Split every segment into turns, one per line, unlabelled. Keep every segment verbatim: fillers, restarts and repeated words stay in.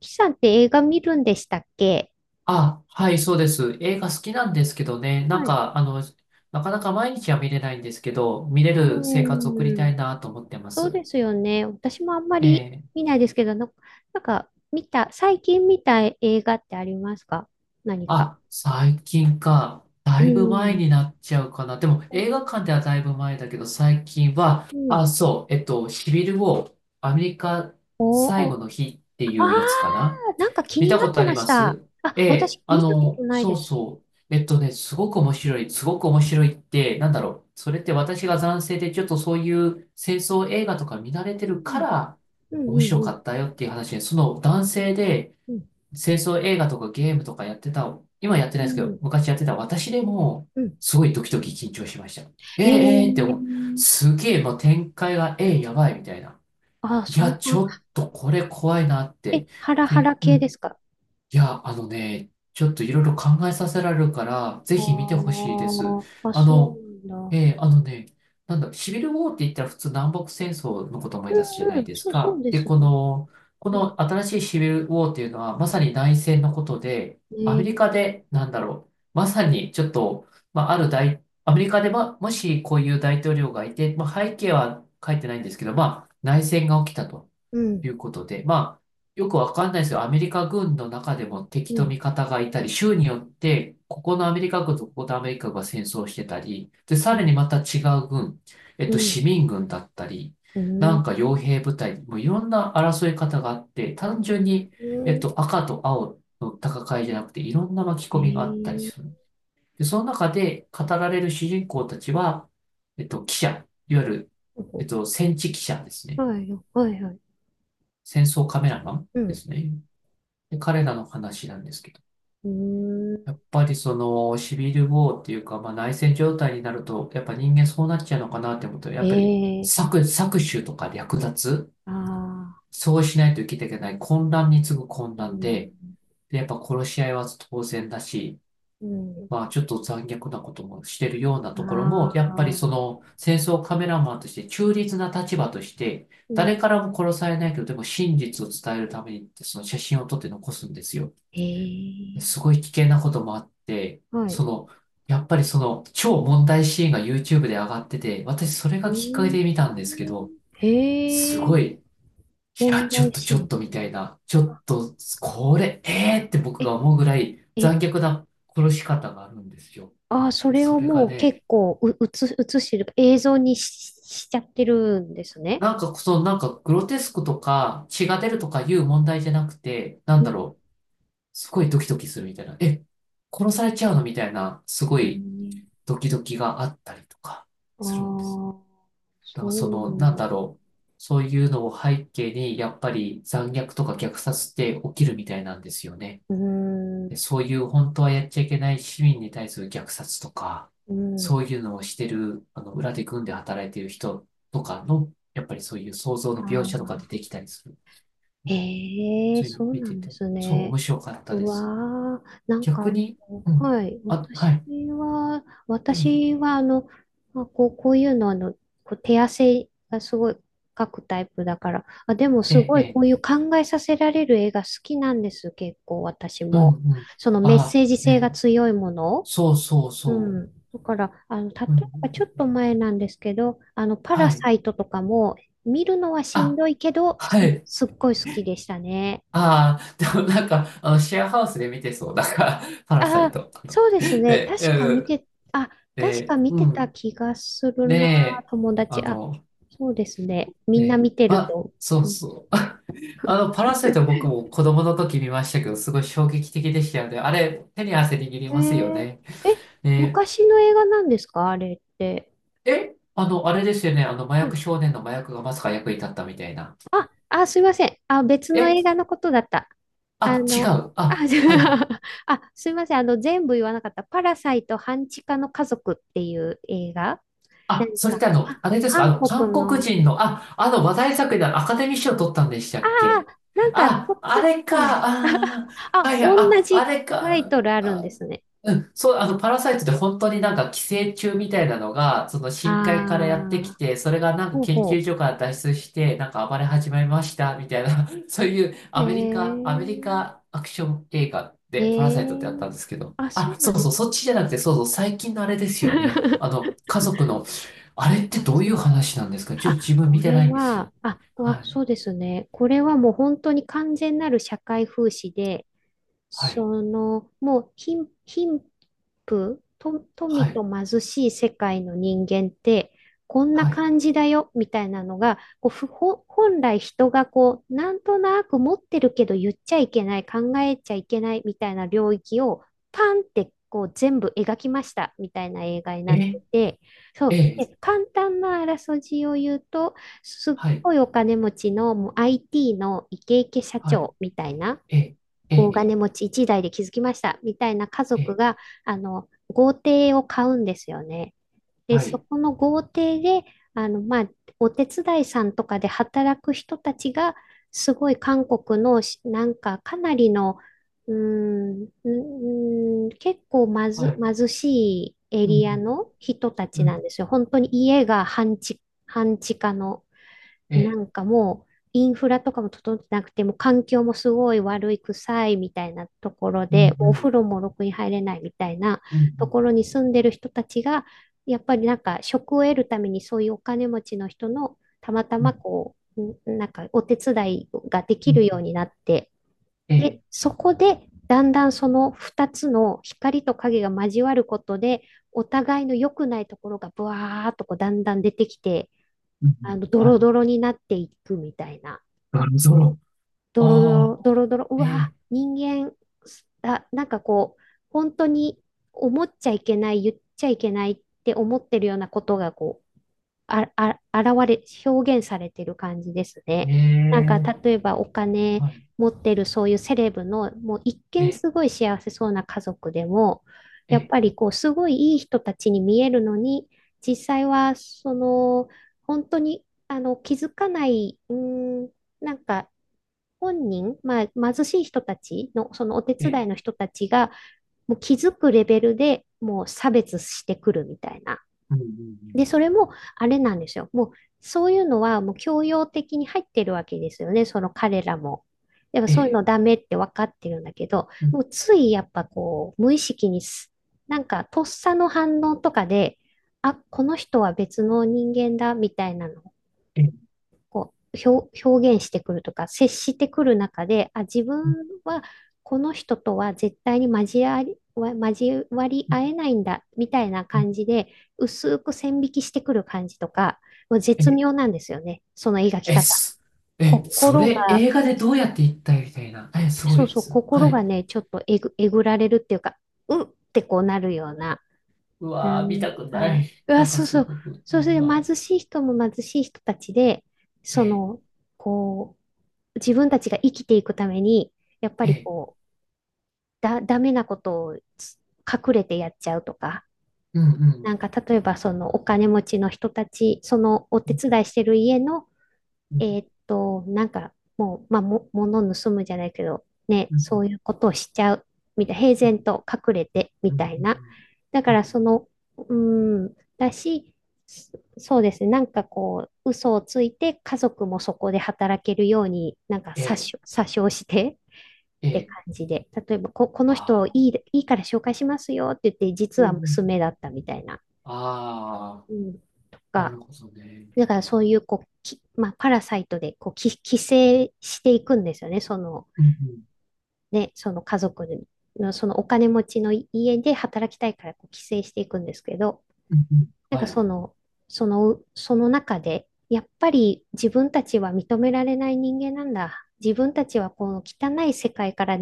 キさんって映画見るんでしたっけ？
あ、はい、そうです。映画好きなんですけどね、なん
はい。
か、あの、なかなか毎日は見れないんですけど、見れる生
う
活を送りた
ん、
いなと思ってま
そう
す。
ですよね。私もあんま
え
り
え。
見ないですけど、な、なんか見た、最近見た映画ってありますか、何か。
あ、最近か。
う
だいぶ前
ん。
になっちゃうかな。でも、
お、
映画館ではだいぶ前だけど、最近は、
うん。
あ、そう、えっと、シビルウォー、アメリカ
お
最後
お、
の日って
あ
い
あ
うやつかな。
ー、なんか気
見
に
た
な
こ
っ
と
て
あり
まし
ま
た。
すえ
あ、
え、
私
あ
見たこと
の、
ない
そう
です。
そう。えっとね、すごく面白い、すごく面白いって、なんだろう。それって私が男性でちょっとそういう戦争映画とか見慣れて
う
るか
ん。
ら
うん
面
うん
白か
うん。
ったよっていう話で、その男性で
うん、
戦争映画とかゲームとかやってた、今やって
う
ないですけど、
ん
昔やってた私でも、
うん。
すごいドキドキ緊張しました。ええ、
え
ええって思う。
ー、
すげえ、もう展開が、ええ、やばいみたいな。
あ、
い
そん
や、ち
な、
ょっとこれ怖いなっ
え、
て。
ハラハ
で、
ラ
う
系で
ん。
すか？
いや、あのね、ちょっといろいろ考えさせられるから、ぜ
ああ
ひ見てほしいです。
ー、あ、
あ
そうな
の、
んだ。
えーあのね、なんだ、シビルウォーって言ったら普通南北戦争のことを思い出すじゃ
う
な
んう
い
ん、
です
そう、そう
か。
で
で、
すね。
この、こ
うん、
の新しいシビルウォーっていうのは、まさに内戦のことで、アメリ
ね、
カで、なんだろう、まさにちょっと、まあ、ある大、アメリカでは、もしこういう大統領がいて、まあ、背景は書いてないんですけど、まあ、内戦が起きたと。
うん、
いうことで、まあ、よくわかんないですよ。アメリカ軍の中でも敵
う
と
ん、
味方がいたり、州によって、ここのアメリカ軍とここのアメリカ軍が戦争してたり、で、さ
へ
ら
え。
にまた違う軍、えっ
う
と、
ん、
市民軍だったり、
う
なん
ん、
か傭兵部隊、もういろんな争い方があって、単純に、
う
えっ
ん、
と、赤と青の戦いじゃなくて、いろんな巻き込
え
みがあったりす
え。
る。で、その中で語られる主人公たちは、えっと、記者、いわゆる、えっと、戦地記者ですね。
はい、はい、はい、
戦争カメラマン
う
で
ん、
すね。で、彼らの話なんですけど。
うー
やっぱりそのシビルウォーっていうか、まあ、内戦状態になると、やっぱ人間そうなっちゃうのかなって思うと、やっぱり
ん、ええ。
搾、搾取とか略奪、
ああ
そうしないと生きていけない混乱に次ぐ混
ー、う
乱
ん、
で、で、やっぱ殺し合いは当然だし、
うん、
まあ、ちょっと残虐なこともしてるようなところも、
あ
やっぱりそ
あ、
の戦争カメラマンとして中立な立場として、
う
誰
ん、
からも殺されないけど、でも真実を伝えるためにって、その写真を撮って残すんですよ。
え
す
え。
ごい危険なこともあって、
はい、
その、やっぱりその超問題シーンが ユーチューブ で上がってて、私それ
う
がきっかけ
ーん、
で見たんですけど、
へ
す
え。
ごい、いや、
問
ちょっ
題
と
シ
ちょ
ー
っ
ン。
とみたいな、ちょっと、これ、えーって僕が
え、
思うぐらい
え、
残虐な殺し方があるんですよ。
ああ、そ
で
れ
そ
を
れが
もう
ね、
結構う、うつ、映してる、映像にし、しちゃってるんですね。
なんか、その、なんか、グロテスクとか、血が出るとかいう問題じゃなくて、なん
う
だ
ん。
ろう、すごいドキドキするみたいな、え、殺されちゃうのみたいな、すご
え
い
ー、
ドキドキがあったりとか
ああ、
するんです。
そ
だから、そ
う
の、
なん
なん
だ。
だ
う
ろう、そういうのを背景に、やっぱり残虐とか虐殺って起きるみたいなんですよね。
ーん、
でそういう本当はやっちゃいけない市民に対する虐殺とか、
うん。
そういうのをしてる、あの、裏で軍で働いてる人とかの、やっぱりそういう想像の
あ
描写とか出
あ。
てきたりする。
ええ、
そういうの
そう
見
な
て
んで
て、
す
そう
ね。
面白かった
う
です。
わー、なん
逆
か、
に、うん、
はい、
あ、は
私
い、
は、
うん、
私は、あの、まあ、こう、こういうの、あの、こう手汗がすごい描くタイプだから、あ、でも
え
す
え、
ご
え
い、こ
え、
ういう考えさせられる絵が好きなんです、結構、私
うん、
も。
うん、
そのメッ
あ、
セージ
え
性が
え、
強いもの。
そうそう
う
そ
ん。だから、あの、例え
う、うん、
ばちょっと前なんですけど、あの、パラ
はい、
サイトとかも、見るのはしん
あ、
どいけど、す、
はい、
すっごい好きでしたね。
ああ、でもなんか、あの、シェアハウスで見てそう、なんか、パラサ
あ
イ
あ、
ト。あの
そうですね。
え、
確か
う
見
ん
て、あ、確か
で、
見
う
てた
ん。
気がするな、
で、
友
あ
達。あ、
の、
そうですね。みんな
ね、
見てる
あ、
と。
そう
うん、
そう。あの、パラセト僕も子供の時見ましたけど、すごい衝撃的でしたよね。あれ、手に汗握り
え
ますよ
ー
ね。
え、
ね、
昔の映画なんですかあれって？
え、あの、あれですよね。あの、麻薬少年の麻薬がまさか役に立ったみたいな。
あ、あ、すいません。あ、別の
え、
映画のことだった。あ
あ、違
の、
う。
あ、
あ、
じゃ
はいはい。
あ、あ、すいません。あの、全部言わなかった。パラサイト半地下の家族っていう映画。な
あ、
ん
それっ
か、
てあの、
あ
あれですか、あ
韓
の、韓
国
国
の、
人の、あ、あの話題作でアカデミー賞取ったんでした
あ
っけ
なんか、と、
あ、
撮
あ
っ
れ
たの。
か、あー、は
あ、
いはい、
同
あ、あ
じ
れ
タイ
か。
トルあるん
あ
ですね。
うん、そう、あの、パラサイトって本当になんか寄生虫みたいなのが、その深海からやって
あ
き
あ、
て、それがなんか
ほう
研究
ほ
所から脱出して、なんか暴れ始めました、みたいな、そういう
う。え
アメリカ、アメリ
ー、
カアクション映画
え
でパラサイトってあったん
ー、
ですけど、
あ、そ
あ、
う
そ
な
う
ん
そ
だ。
う、そっちじゃなくて、そうそう、最近のあれですよね。あ の、家族の、あれって
あ、
どう
そ
いう
う。
話なんですかちょっ
あ、
と自分見
こ
て
れ
ないんですよ。
は、あ、うわ、
は
そ
い、
うですね。これはもう本当に完全なる社会風刺で、
はい、
その、もう貧、貧富、と、
は
富と
い、
貧しい世界の人間って、こんな
はい。
感じだよ、みたいなのが、こう、ふ、ほ本来人がこう、なんとなく持ってるけど言っちゃいけない、考えちゃいけない、みたいな領域を、パンって、こう、全部描きました、みたいな映画になっ
え、
てて、そう。
え、
で、簡単なあらすじを言うと、すっ
はい、
ごいお金持ちのもう アイティー のイケイケ社
はい、
長みたいな、
え、え、
大
え、
金持ちいちだい代で築きましたみたいな家族
え、
があの豪邸を買うんですよね。で、
は
そ
い。
この豪邸であの、まあ、お手伝いさんとかで働く人たちがすごい韓国のしなんかかなりのうーん、うーん、結構ま
は
ず、
い
貧しいエ
う
リア
ん
の人た
う
ち
ん、う
なん
ん、
ですよ。本当に家が半地、半地下の
え
な
え、
んかもう、インフラとかも整ってなくて、もう環境もすごい悪い、臭いみたいなところ
う
で、
ん、
も
う
うお風
ん、
呂もろくに入れないみたいな
うん、う
と
ん、
ころに住んでる人たちが、やっぱりなんか職を得るためにそういうお金持ちの人のたまた
うん、
まこう、んなんかお手伝いがで
う
き
ん、
るようになって、
ええ、
で、そこでだんだんそのふたつの光と影が交わることで、お互いの良くないところがブワーっとこうだんだん出てきて、
うん、う
あ
ん、
の、ド
は
ロ
い、
ドロになっていくみたいな。
ガルゾロ。
ドロド
ああ、
ロ、ドロドロ、うわ、
え
人間、あ、なんかこう、本当に思っちゃいけない、言っちゃいけないって思ってるようなことが、こあ、あ、現れ、表現されてる感じです
え、
ね。
え
なんか、
え、
例えばお金
はい、
持ってるそういうセレブの、もう一
え
見
え、
すごい幸せそうな家族でも、
え
やっ
え、
ぱりこう、すごいいい人たちに見えるのに、実際は、その、本当に、あの、気づかない、うーん、なんか、本人、まあ、貧しい人たちの、そのお手
え
伝い
え、
の人たちが、もう気づくレベルでもう差別してくるみたいな。
うん、うん、う
で、
ん、
それも、あれなんですよ。もう、そういうのは、もう教養的に入ってるわけですよね、その彼らも。でも、
え
そういうの
え、
ダメって分かってるんだけど、
う
も
ん、
う、ついやっぱこう、無意識にす、なんか、とっさの反応とかで、あ、この人は別の人間だ、みたいなの
ええ、
こう、表、表現してくるとか、接してくる中で、あ、自分
うん、
はこの人とは絶対に交わり、交わり合えないんだ、みたいな
うん、
感じで、薄く線引きしてくる感じとか、もう
え
絶
え、
妙なんですよね。その描き
え、
方。
す、え、そ
心
れ
が、
映画でどうやって行ったみたいな。え、すご
そ
い
う
で
そう、
す。は
心が
い。
ね、ちょっとえぐ、えぐられるっていうか、うんってこうなるような、
う
な
わー、見
ん
たくな
か、
い。
うわ、
なんか
そう
す
そう、
ごく、
そう
や
すると
ばい。
貧しい人も貧しい人たちで、
え
そ
え、
の、こう、自分たちが生きていくために、やっぱ
え
り
え、
こう、だ、ダメなことをつ隠れてやっちゃうとか、
うん、う
なん
ん、
か例えばそのお金持ちの人たち、そのお
う
手
ん、
伝いしてる家の、
う
え
ん、
ーっと、なんかもう、まあ、も、物盗むじゃないけど、ね、
うん、
そういうことをしちゃう、みたいな、平
う
然
ん、
と隠れて、み
うん、うん、
たいな。だか
うん、う
らそ
ん、
の、うーん、だし、そそうですね。なんかこう、嘘をついて家族もそこで働けるように、なんか
え
詐
え、
称、詐称して、
え
って
え、
感じで、例えばこ、この
あ
人い
あ、
い、いいから紹介しますよって言って、
う
実
んう
は
ん。
娘だったみたいな。
あ
うん、と
あ、な
か、
るほどね。
だからそういうこう、きまあ、パラサイトでこうき寄生していくんですよね、その、
うんうん。
ね、その家族の、そのお金持ちの家で働きたいからこう寄生していくんですけど、
うんうん
なん
は
かそ
い。
の、その、その中で、やっぱり自分たちは認められない人間なんだ。自分たちはこの汚い世界から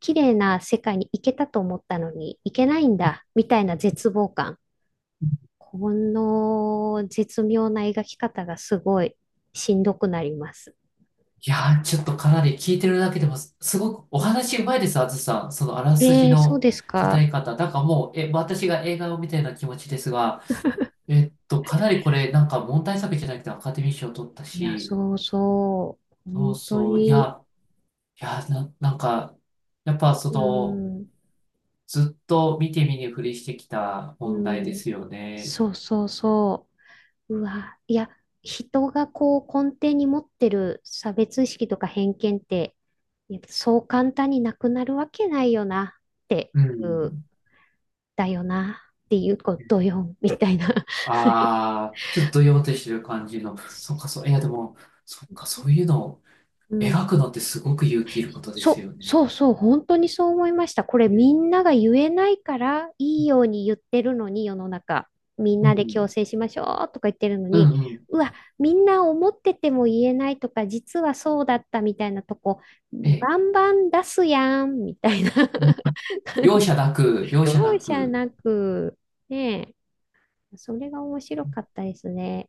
綺麗な世界に行けたと思ったのに行けないんだ、みたいな絶望感。この絶妙な描き方がすごいしんどくなります。
いやー、ちょっとかなり聞いてるだけでもす、すごくお話うまいです、あずさん。そのあらすじ
えー、そう
の
です
語
か。
り方。なんかもう、え、私が映画を見たような気持ちですが、えっと、かなりこれ、なんか問題作じゃなくてアカデミー賞を取った
いや、
し、
そうそう。
そ
本
う
当
そう、い
に。
や、いや、な、なんか、やっぱそ
う
の、
ん、
ずっと見て見ぬふりしてきた
う
問題で
ん。
すよね。
そうそうそう。うわ、いや、人がこう根底に持ってる差別意識とか偏見って、やっぱそう簡単になくなるわけないよなって
う
いう
ん。
だよなっていうことよ、みたいな。
ああ、ちょっとどよーんとしてる感じの。そっか、そう、いや、でも、そっか、そうい うのを
うん。
描くのってすごく勇気いることです
そう、
よね。
そうそう、本当にそう思いました。これみ
え、
んなが言えないからいいように言ってるのに世の中、みん
う
なで強
ん、
制しましょうとか言ってるの
う
に、
ん、うん、
うわ、みんな思ってても言えないとか、実はそうだったみたいなとこ、
え、
バンバン出すやんみたいな
うん。
感じ。
容赦なく、容赦な
容赦
く、
なく、ねえ、それが面白かったですね。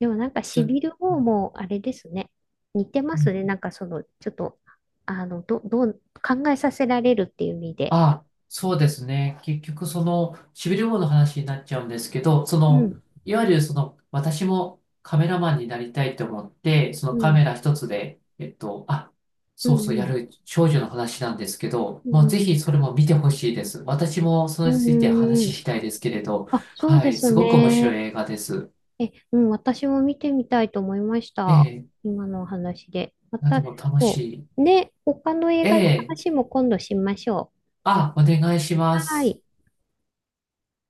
でもなんか
ち
し
ょ、
びる方もあれですね。似てま
う
すね。な
ん
んかその、ちょっと、あの、ど、どう、考えさせられるっていう意味で。
あ、そうですね。結局、その、しびれ棒の話になっちゃうんですけど、そ
う
の、
ん、
いわゆるその、私もカメラマンになりたいと思って、そ
う
のカメ
ん、
ラ一つで、えっと、あ、
う
そう
ん、
そう、や
うん、
る少女の話なんですけど、
う
もう
ん、
ぜひそれも見てほしいです。私もそ
う
れについて
んう
話
ん。
したいですけれど、
あ、そう
は
で
い、
す
すごく面白い
ね。
映画です。
え、うん、私も見てみたいと思いまし
え
た。
え、
今のお話で。ま
など
た、
も楽し
そ
い。
う。ね、他の映
え
画の
え、
話も今度しましょ
あ、お願いし
う。
ま
は
す。
い。